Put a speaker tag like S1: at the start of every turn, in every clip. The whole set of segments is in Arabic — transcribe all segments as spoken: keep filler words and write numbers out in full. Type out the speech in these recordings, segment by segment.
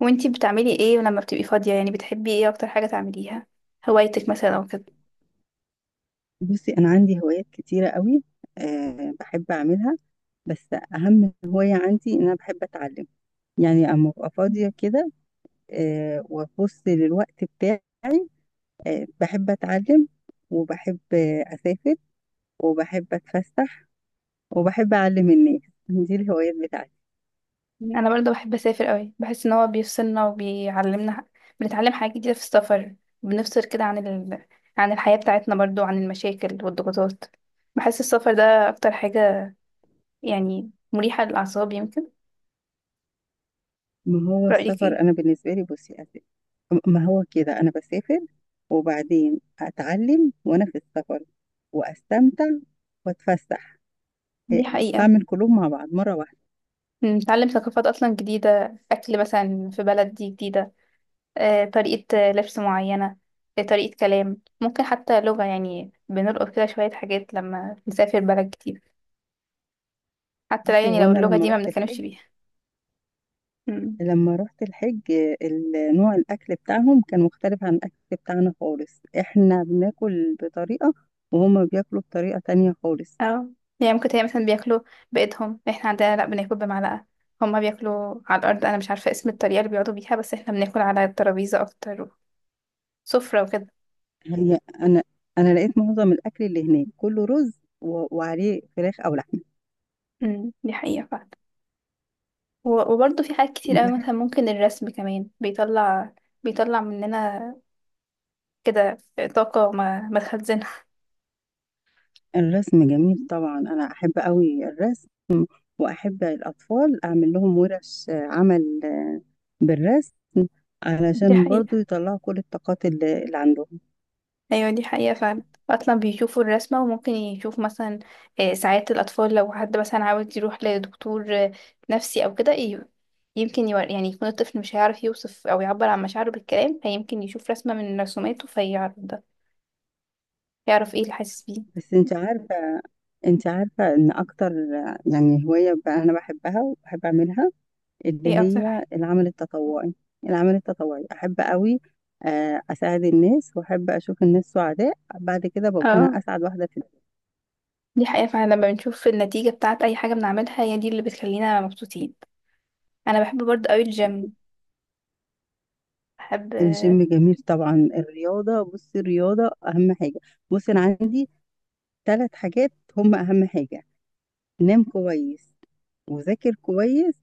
S1: وانتي بتعملي ايه لما بتبقي فاضية، يعني بتحبي ايه اكتر حاجة تعمليها؟ هوايتك مثلا او كده؟
S2: بصي أنا عندي هوايات كتيرة قوي. أه بحب أعملها. بس أهم هواية عندي إن أنا بحب أتعلم، يعني أما أبقى فاضية
S1: مم.
S2: كده. أه وأبص للوقت بتاعي. أه بحب أتعلم. وبحب آه، أسافر، وبحب أتفسح، وبحب أعلم الناس. دي الهوايات بتاعتي.
S1: انا برضه بحب اسافر قوي، بحس ان هو بيفصلنا وبيعلمنا ح- بنتعلم حاجات جديدة في السفر. بنفصل كده عن ال... عن الحياة بتاعتنا، برضه عن المشاكل والضغوطات. بحس السفر ده اكتر حاجة، يعني مريحة للاعصاب يمكن.
S2: ما هو
S1: رأيك
S2: السفر،
S1: ايه؟
S2: أنا بالنسبة لي بصي أسافر. ما هو كده أنا بسافر وبعدين أتعلم وأنا في السفر وأستمتع وأتفسح.
S1: دي
S2: إيه،
S1: حقيقة.
S2: بعمل كلهم مع بعض مرة واحدة.
S1: بنتعلم ثقافات اصلا جديدة، اكل مثلا في بلد دي جديدة، آه، طريقة آه، لبس معينة، آه، طريقة كلام، ممكن حتى لغة، يعني بنلقط كده شوية حاجات لما نسافر بلد جديد، حتى لو
S2: بصي
S1: يعني
S2: هو
S1: لو
S2: أنا
S1: اللغة
S2: لما
S1: دي ما
S2: رحت
S1: بنتكلمش
S2: الحج،
S1: بيها. مم.
S2: لما رحت الحج آه، ال- نوع الأكل بتاعهم كان مختلف عن الأكل بتاعنا خالص. إحنا بناكل بطريقة، وهما بياكلوا بطريقة تانية خالص.
S1: اه. يعني ممكن تلاقي مثلا بياكلوا بإيدهم، احنا عندنا لأ بناكل بمعلقة. هما بياكلوا على الأرض، أنا مش عارفة اسم الطريقة اللي بيقعدوا بيها، بس احنا بناكل على الترابيزة أكتر، سفرة وكده.
S2: هي أنا أنا لقيت معظم الأكل اللي هناك كله رز و- وعليه فراخ أو لحمة.
S1: مم، دي حقيقة فعلا. و- وبرضه في حاجات كتير أوي،
S2: بحب.
S1: مثلا ممكن الرسم كمان بيطلع، بيطلع مننا كده طاقة ما ما تخزنها.
S2: الرسم جميل طبعا، أنا أحب أوي الرسم. وأحب الأطفال أعمل لهم ورش آه، عمل آه، بالرسم،
S1: دي
S2: علشان برضو
S1: حقيقة.
S2: يطلعوا كل الطاقات اللي اللي عندهم.
S1: ايوه دي حقيقة فعلا. اصلا بيشوفوا الرسمة وممكن يشوف مثلا آه، ساعات الاطفال لو حد مثلا عاوز يروح لدكتور آه، نفسي او كده، ي- يمكن يور... يعني يكون الطفل مش هيعرف يوصف او يعبر عن مشاعره بالكلام، فيمكن يشوف رسمة من رسوماته فيعرف ده، يعرف ايه اللي حاسس بيه.
S2: بس انت عارفة انت عارفة ان اكتر يعني هواية بقى انا بحبها وبحب اعملها، اللي
S1: ايه اكتر
S2: هي
S1: حاجة؟
S2: العمل التطوعي. العمل التطوعي احب قوي، آه، اساعد الناس واحب اشوف الناس سعداء بعد كده ببقى
S1: اه.
S2: انا اسعد واحدة في الدنيا.
S1: دي حقيقة فعلا، لما بنشوف النتيجة بتاعت اي حاجة بنعملها هي دي اللي بتخلينا مبسوطين. انا بحب برضه قوي الجيم. بحب آه،
S2: الجيم جميل طبعا، الرياضة، بصي الرياضة اهم حاجة. بصي انا عندي ثلاث حاجات هم اهم حاجة: نام كويس، وذاكر كويس،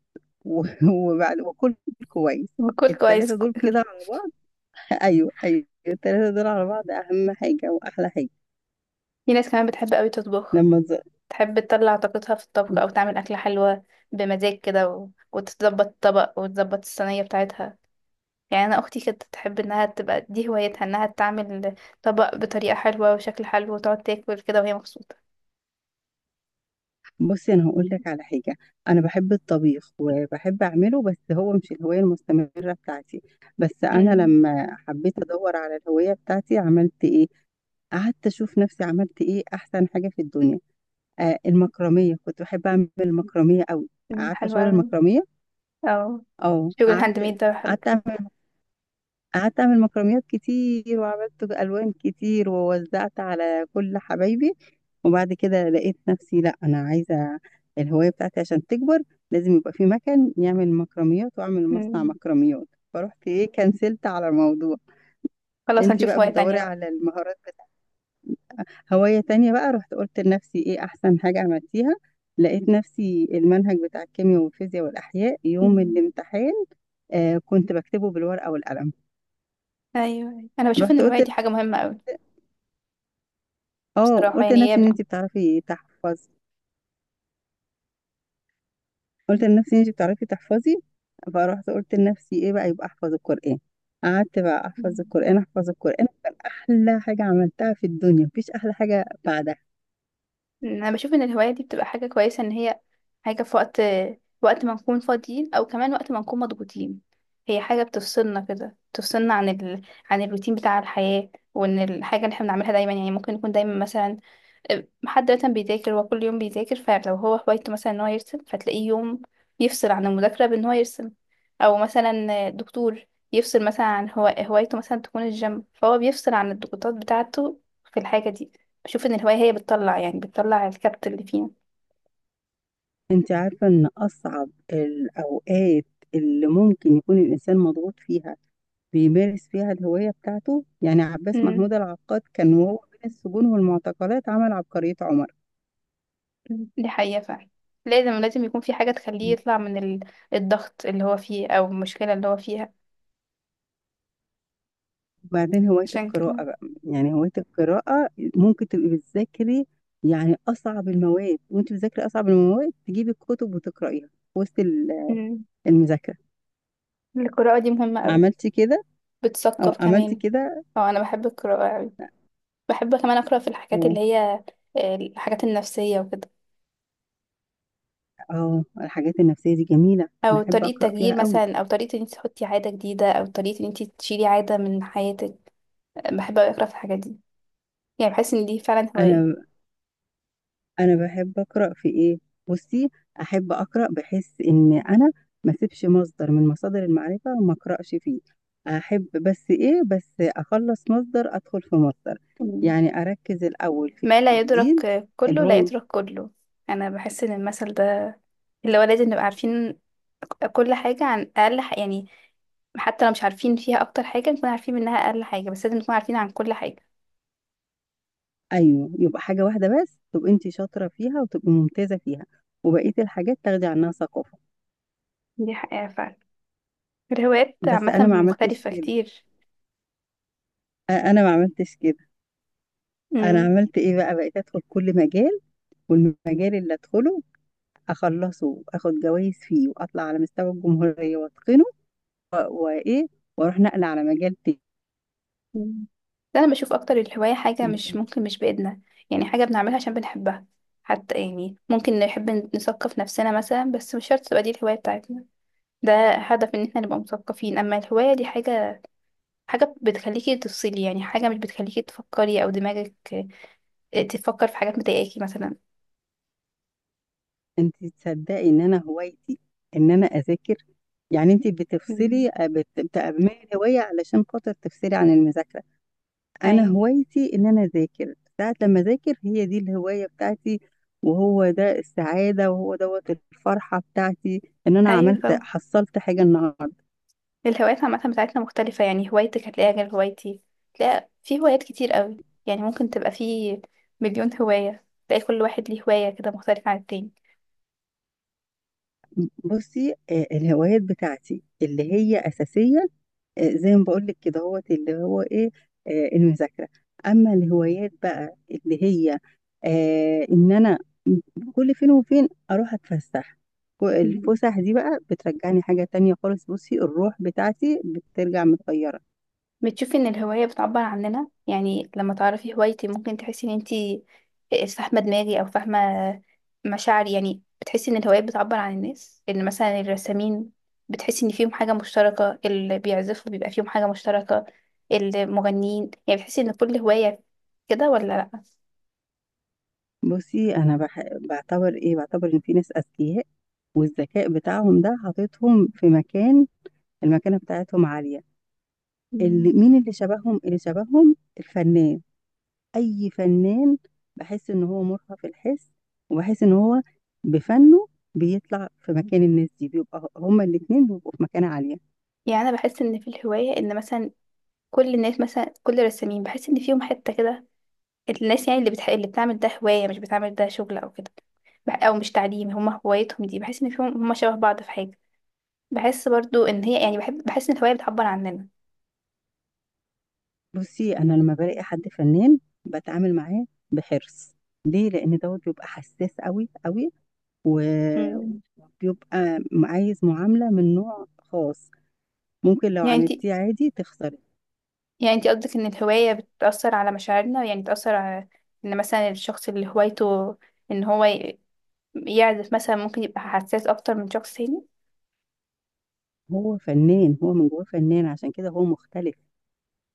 S2: و- وبعد وكل كويس.
S1: باكل
S2: الثلاثة
S1: كويس.
S2: دول كده. ايوه ايوه، التلاتة دول على بعض اهم حاجة واحلى حاجة.
S1: في ناس كمان بتحب قوي تطبخ،
S2: لما ز...
S1: تحب تطلع طاقتها في الطبخ او تعمل اكلة حلوة بمزاج كده و... وتظبط الطبق وتظبط الصينية بتاعتها. يعني انا اختي كانت تحب انها تبقى دي هوايتها، انها تعمل طبق بطريقة حلوة وشكل حلو وتقعد تاكل كده وهي مبسوطة.
S2: بصي انا هقول لك على حاجة، انا بحب الطبيخ وبحب اعمله، بس هو مش الهواية المستمرة بتاعتي. بس انا
S1: امم.
S2: لما حبيت ادور على الهواية بتاعتي عملت ايه، قعدت اشوف نفسي عملت ايه احسن حاجة في الدنيا. آه المكرمية، كنت بحب اعمل المكرمية قوي،
S1: أمم،
S2: عارفة
S1: حلوة
S2: شغل
S1: اوي.
S2: المكرمية.
S1: او
S2: اه
S1: شغل الهاند
S2: قعدت
S1: ميد ده حلو.
S2: قعدت اعمل قعدت اعمل مكرميات كتير، وعملت الوان كتير ووزعت على كل حبايبي. وبعد كده لقيت نفسي، لا انا عايزه الهوايه بتاعتي عشان تكبر لازم يبقى في مكان يعمل مكرميات، واعمل مصنع
S1: أمم.
S2: مكرميات. فرحت ايه، كنسلت على الموضوع.
S1: خلاص
S2: انتي
S1: هنشوف
S2: بقى
S1: هواية تانية
S2: بتدوري
S1: بقى.
S2: على المهارات بتاعتك. هوايه تانية بقى، رحت قلت لنفسي ايه احسن حاجه عملتيها. لقيت نفسي المنهج بتاع الكيمياء والفيزياء والاحياء يوم
S1: أمم.
S2: الامتحان آه كنت بكتبه بالورقه والقلم.
S1: ايوه أيوة. انا بشوف ان
S2: رحت
S1: الهواية
S2: قلت
S1: دي حاجة مهمة اوي.
S2: اه
S1: بصراحة
S2: قلت
S1: يعني
S2: لنفسي
S1: هي
S2: ان انت بتعرفي تحفظي. قلت لنفسي ان انت بتعرفي تحفظي فرحت قلت لنفسي ايه بقى، يبقى احفظ القرآن. قعدت بقى
S1: بت...
S2: احفظ القرآن، احفظ القرآن كان احلى حاجة عملتها في الدنيا، مفيش احلى حاجة بعدها.
S1: انا بشوف ان الهواية دي بتبقى حاجة كويسة، ان هي حاجة في وقت، وقت ما نكون فاضيين او كمان وقت ما نكون مضغوطين. هي حاجة بتفصلنا كده، بتفصلنا عن ال... عن الروتين بتاع الحياة. وان الحاجة اللي احنا بنعملها دايما، يعني ممكن نكون دايما مثلا حد مثلا بيذاكر، هو كل يوم بيذاكر، فلو هو هوايته مثلا ان هو يرسم فتلاقيه يوم يفصل عن المذاكرة بان هو يرسم. او مثلا دكتور يفصل مثلا عن، هو هوايته مثلا تكون الجيم، فهو بيفصل عن الضغوطات بتاعته في الحاجة دي. بشوف ان الهواية هي بتطلع يعني بتطلع الكبت اللي فينا.
S2: انت عارفة ان اصعب الاوقات اللي ممكن يكون الانسان مضغوط فيها، بيمارس فيها الهواية بتاعته، يعني عباس
S1: امم.
S2: محمود العقاد كان وهو بين السجون والمعتقلات عمل عبقرية عمر.
S1: دي حقيقة فعلا. لازم لازم يكون في حاجة تخليه يطلع من ال- الضغط اللي هو فيه او المشكلة اللي هو فيها.
S2: وبعدين هواية
S1: عشان
S2: القراءة
S1: كده.
S2: بقى، يعني هواية القراءة ممكن تبقي بتذاكري يعني أصعب المواد، وأنت بتذاكري أصعب المواد تجيبي الكتب وتقرأيها في وسط ال-
S1: امم.
S2: المذاكرة.
S1: القراءة دي مهمة أوي.
S2: عملتي كده، أو
S1: بتثقف
S2: عملتي
S1: كمان.
S2: كده.
S1: اه انا بحب القراءة أوي. بحب كمان أقرأ في الحاجات
S2: اه
S1: اللي هي آه، الحاجات النفسية وكده.
S2: اه، الحاجات النفسية دي جميلة، أنا
S1: أو
S2: أحب
S1: طريقة
S2: أقرأ
S1: تغيير
S2: فيها قوي.
S1: مثلا، أو طريقة إن انت تحطي عادة جديدة، أو طريقة إن انت تشيلي عادة من حياتك. بحب أوي أقرأ في الحاجات دي، يعني بحس إن دي فعلا هواية.
S2: أنا انا بحب اقرا في ايه؟ بصي احب اقرا، بحس ان انا ما اسيبش مصدر من مصادر المعرفه وما اقراش فيه. احب بس ايه، بس اخلص مصدر ادخل في مصدر.
S1: مم.
S2: يعني اركز الاول في
S1: ما لا يدرك
S2: الدين اللي
S1: كله لا
S2: هو.
S1: يترك كله. أنا بحس إن المثل ده اللي هو لازم نبقى عارفين كل حاجة، عن أقل ح- يعني حتى لو مش عارفين فيها أكتر حاجة نكون عارفين منها أقل حاجة، بس لازم نكون عارفين عن كل حاجة.
S2: ايوه، يبقى حاجه واحده بس تبقى انت شاطره فيها وتبقى ممتازه فيها، وبقيه الحاجات تاخدي عنها ثقافه.
S1: دي حقيقة فعلا. الهوايات
S2: بس
S1: عامة
S2: انا ما عملتش
S1: مختلفة
S2: كده،
S1: كتير.
S2: أ- انا ما عملتش كده. انا
S1: مم.
S2: عملت ايه بقى، بقيت ادخل كل مجال، والمجال اللي ادخله اخلصه واخد جوائز فيه واطلع على مستوى الجمهورية واتقنه، و- وايه، واروح نقل على مجال تاني.
S1: مم. ده انا بشوف اكتر الهواية حاجة مش ممكن مش بإيدنا، يعني حاجة بنعملها عشان بنحبها. حتى يعني ممكن نحب نثقف نفسنا مثلا، بس مش شرط تبقى دي الهواية بتاعتنا. ده هدف ان احنا نبقى مثقفين. اما الهواية دي حاجة، حاجة بتخليكي تفصلي، يعني حاجة مش بتخليكي تفكري او دماغك آه، تفكر في حاجات مضايقاكي مثلا.
S2: انت تصدقي ان انا هوايتي ان انا اذاكر؟ يعني انت
S1: مم.
S2: بتفصلي بت- بتعملي هواية علشان خاطر تفصلي عن المذاكرة. انا
S1: ايوه.
S2: هوايتي ان انا اذاكر، ساعة لما اذاكر هي دي الهواية بتاعتي. وهو ده السعادة، وهو دوت الفرحة بتاعتي، ان انا
S1: ايوه
S2: عملت
S1: طبعا.
S2: حصلت حاجة النهاردة.
S1: الهوايات عامة بتاعتنا مختلفة، يعني هوايتك هتلاقيها غير هوايتي. تلاقي في هوايات كتير قوي، يعني ممكن تبقى في مليون هواية، تلاقي كل واحد ليه هواية كده مختلفة عن التاني.
S2: بصي آه، الهوايات بتاعتي اللي هي اساسية، آه، زي ما بقول لك كده هو اللي هو ايه، آه، المذاكره. اما الهوايات بقى اللي هي آه، ان انا كل فين وفين اروح اتفسح. و-
S1: مم.
S2: الفسح دي بقى بترجعني حاجه تانية خالص. بصي الروح بتاعتي بترجع متغيره.
S1: بتشوفي ان الهواية بتعبر عننا؟ يعني لما تعرفي هوايتي ممكن تحسي ان انتي فاهمة دماغي او فاهمة مشاعري. يعني بتحسي ان الهوايات بتعبر عن الناس، ان مثلا الرسامين بتحسي ان فيهم حاجة مشتركة، اللي بيعزفوا بيبقى فيهم حاجة مشتركة، المغنيين. يعني بتحسي ان كل هواية كده، ولا لأ؟
S2: بصي انا بح... بعتبر ايه بعتبر ان في ناس اذكياء، والذكاء بتاعهم ده حاططهم في مكان، المكانه بتاعتهم عاليه.
S1: مم.
S2: اللي مين اللي شبههم اللي شبههم الفنان، اي فنان. بحس ان هو مرهف الحس، وبحس ان هو بفنه بيطلع في مكان الناس دي، بيبقى هما الاتنين بيبقوا في مكانة عالية.
S1: يعني انا بحس ان في الهوايه ان مثلا كل الناس مثلا كل الرسامين بحس ان فيهم حته كده، الناس يعني اللي بتح... اللي بتعمل ده هوايه مش بتعمل ده شغل او كده، بح- او مش تعليم، هما هوايتهم دي، بحس ان فيهم هما شبه بعض في حاجه. بحس برضو ان هي يعني بحب، بحس ان الهوايه بتعبر عننا.
S2: بصي انا لما بلاقي حد فنان بتعامل معاه بحرص، ليه؟ لان دوت بيبقى حساس قوي قوي، و-
S1: مم.
S2: وبيبقى عايز معاملة من نوع خاص. ممكن لو
S1: يعني انت
S2: عملتيه عادي تخسري.
S1: يعني انت قصدك ان الهوايه بتاثر على مشاعرنا؟ يعني بتاثر على ان مثلا الشخص اللي هوايته ان هو ي- يعزف مثلا ممكن يبقى حساس اكتر من شخص تاني.
S2: هو فنان، هو من جواه فنان، عشان كده هو مختلف.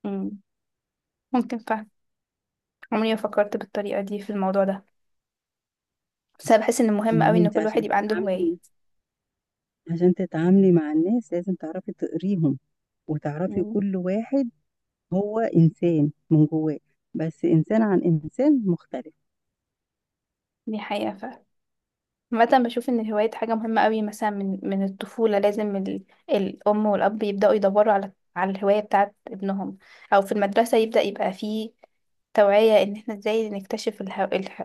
S1: مم. ممكن. عمري ما فكرت بالطريقة دي في الموضوع ده، بس أنا بحس إن مهم
S2: ما
S1: أوي
S2: هو
S1: إن
S2: انت
S1: كل واحد
S2: عشان
S1: يبقى عنده هواية.
S2: تتعاملي عشان تتعاملي مع الناس لازم تعرفي تقريهم، وتعرفي
S1: يعني
S2: كل واحد هو إنسان من جواه، بس إنسان عن إنسان مختلف.
S1: دي حقيقة فعلا. عامة بشوف إن الهواية دي حاجة مهمة أوي، مثلا من من الطفولة لازم ال... الأم والأب يبدأوا يدوروا على على الهواية بتاعت ابنهم، أو في المدرسة يبدأ يبقى فيه توعية إن إحنا إزاي نكتشف الهو... الح...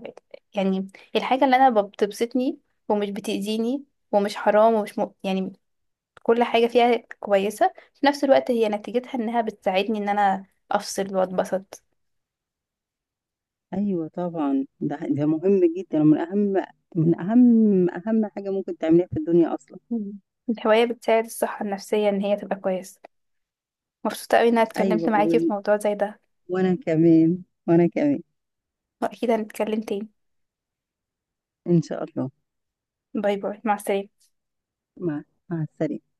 S1: يعني الحاجة اللي أنا بتبسطني، ومش بتأذيني ومش حرام ومش م... يعني كل حاجة فيها كويسة في نفس الوقت هي نتيجتها إنها بتساعدني إن أنا أفصل وأتبسط.
S2: أيوة طبعا، ده ده مهم جدا، ومن أهم، من أهم أهم حاجة ممكن تعمليها في الدنيا أصلا.
S1: مم. الهواية بتساعد الصحة النفسية إن هي تبقى كويسة. مبسوطة أوي إن أنا اتكلمت
S2: أيوة
S1: معاكي في
S2: وال...
S1: موضوع زي ده.
S2: وأنا كمان وأنا كمان
S1: وأكيد هنتكلم تاني.
S2: إن شاء الله.
S1: باي باي، مع السلامة.
S2: مع مع السلامة.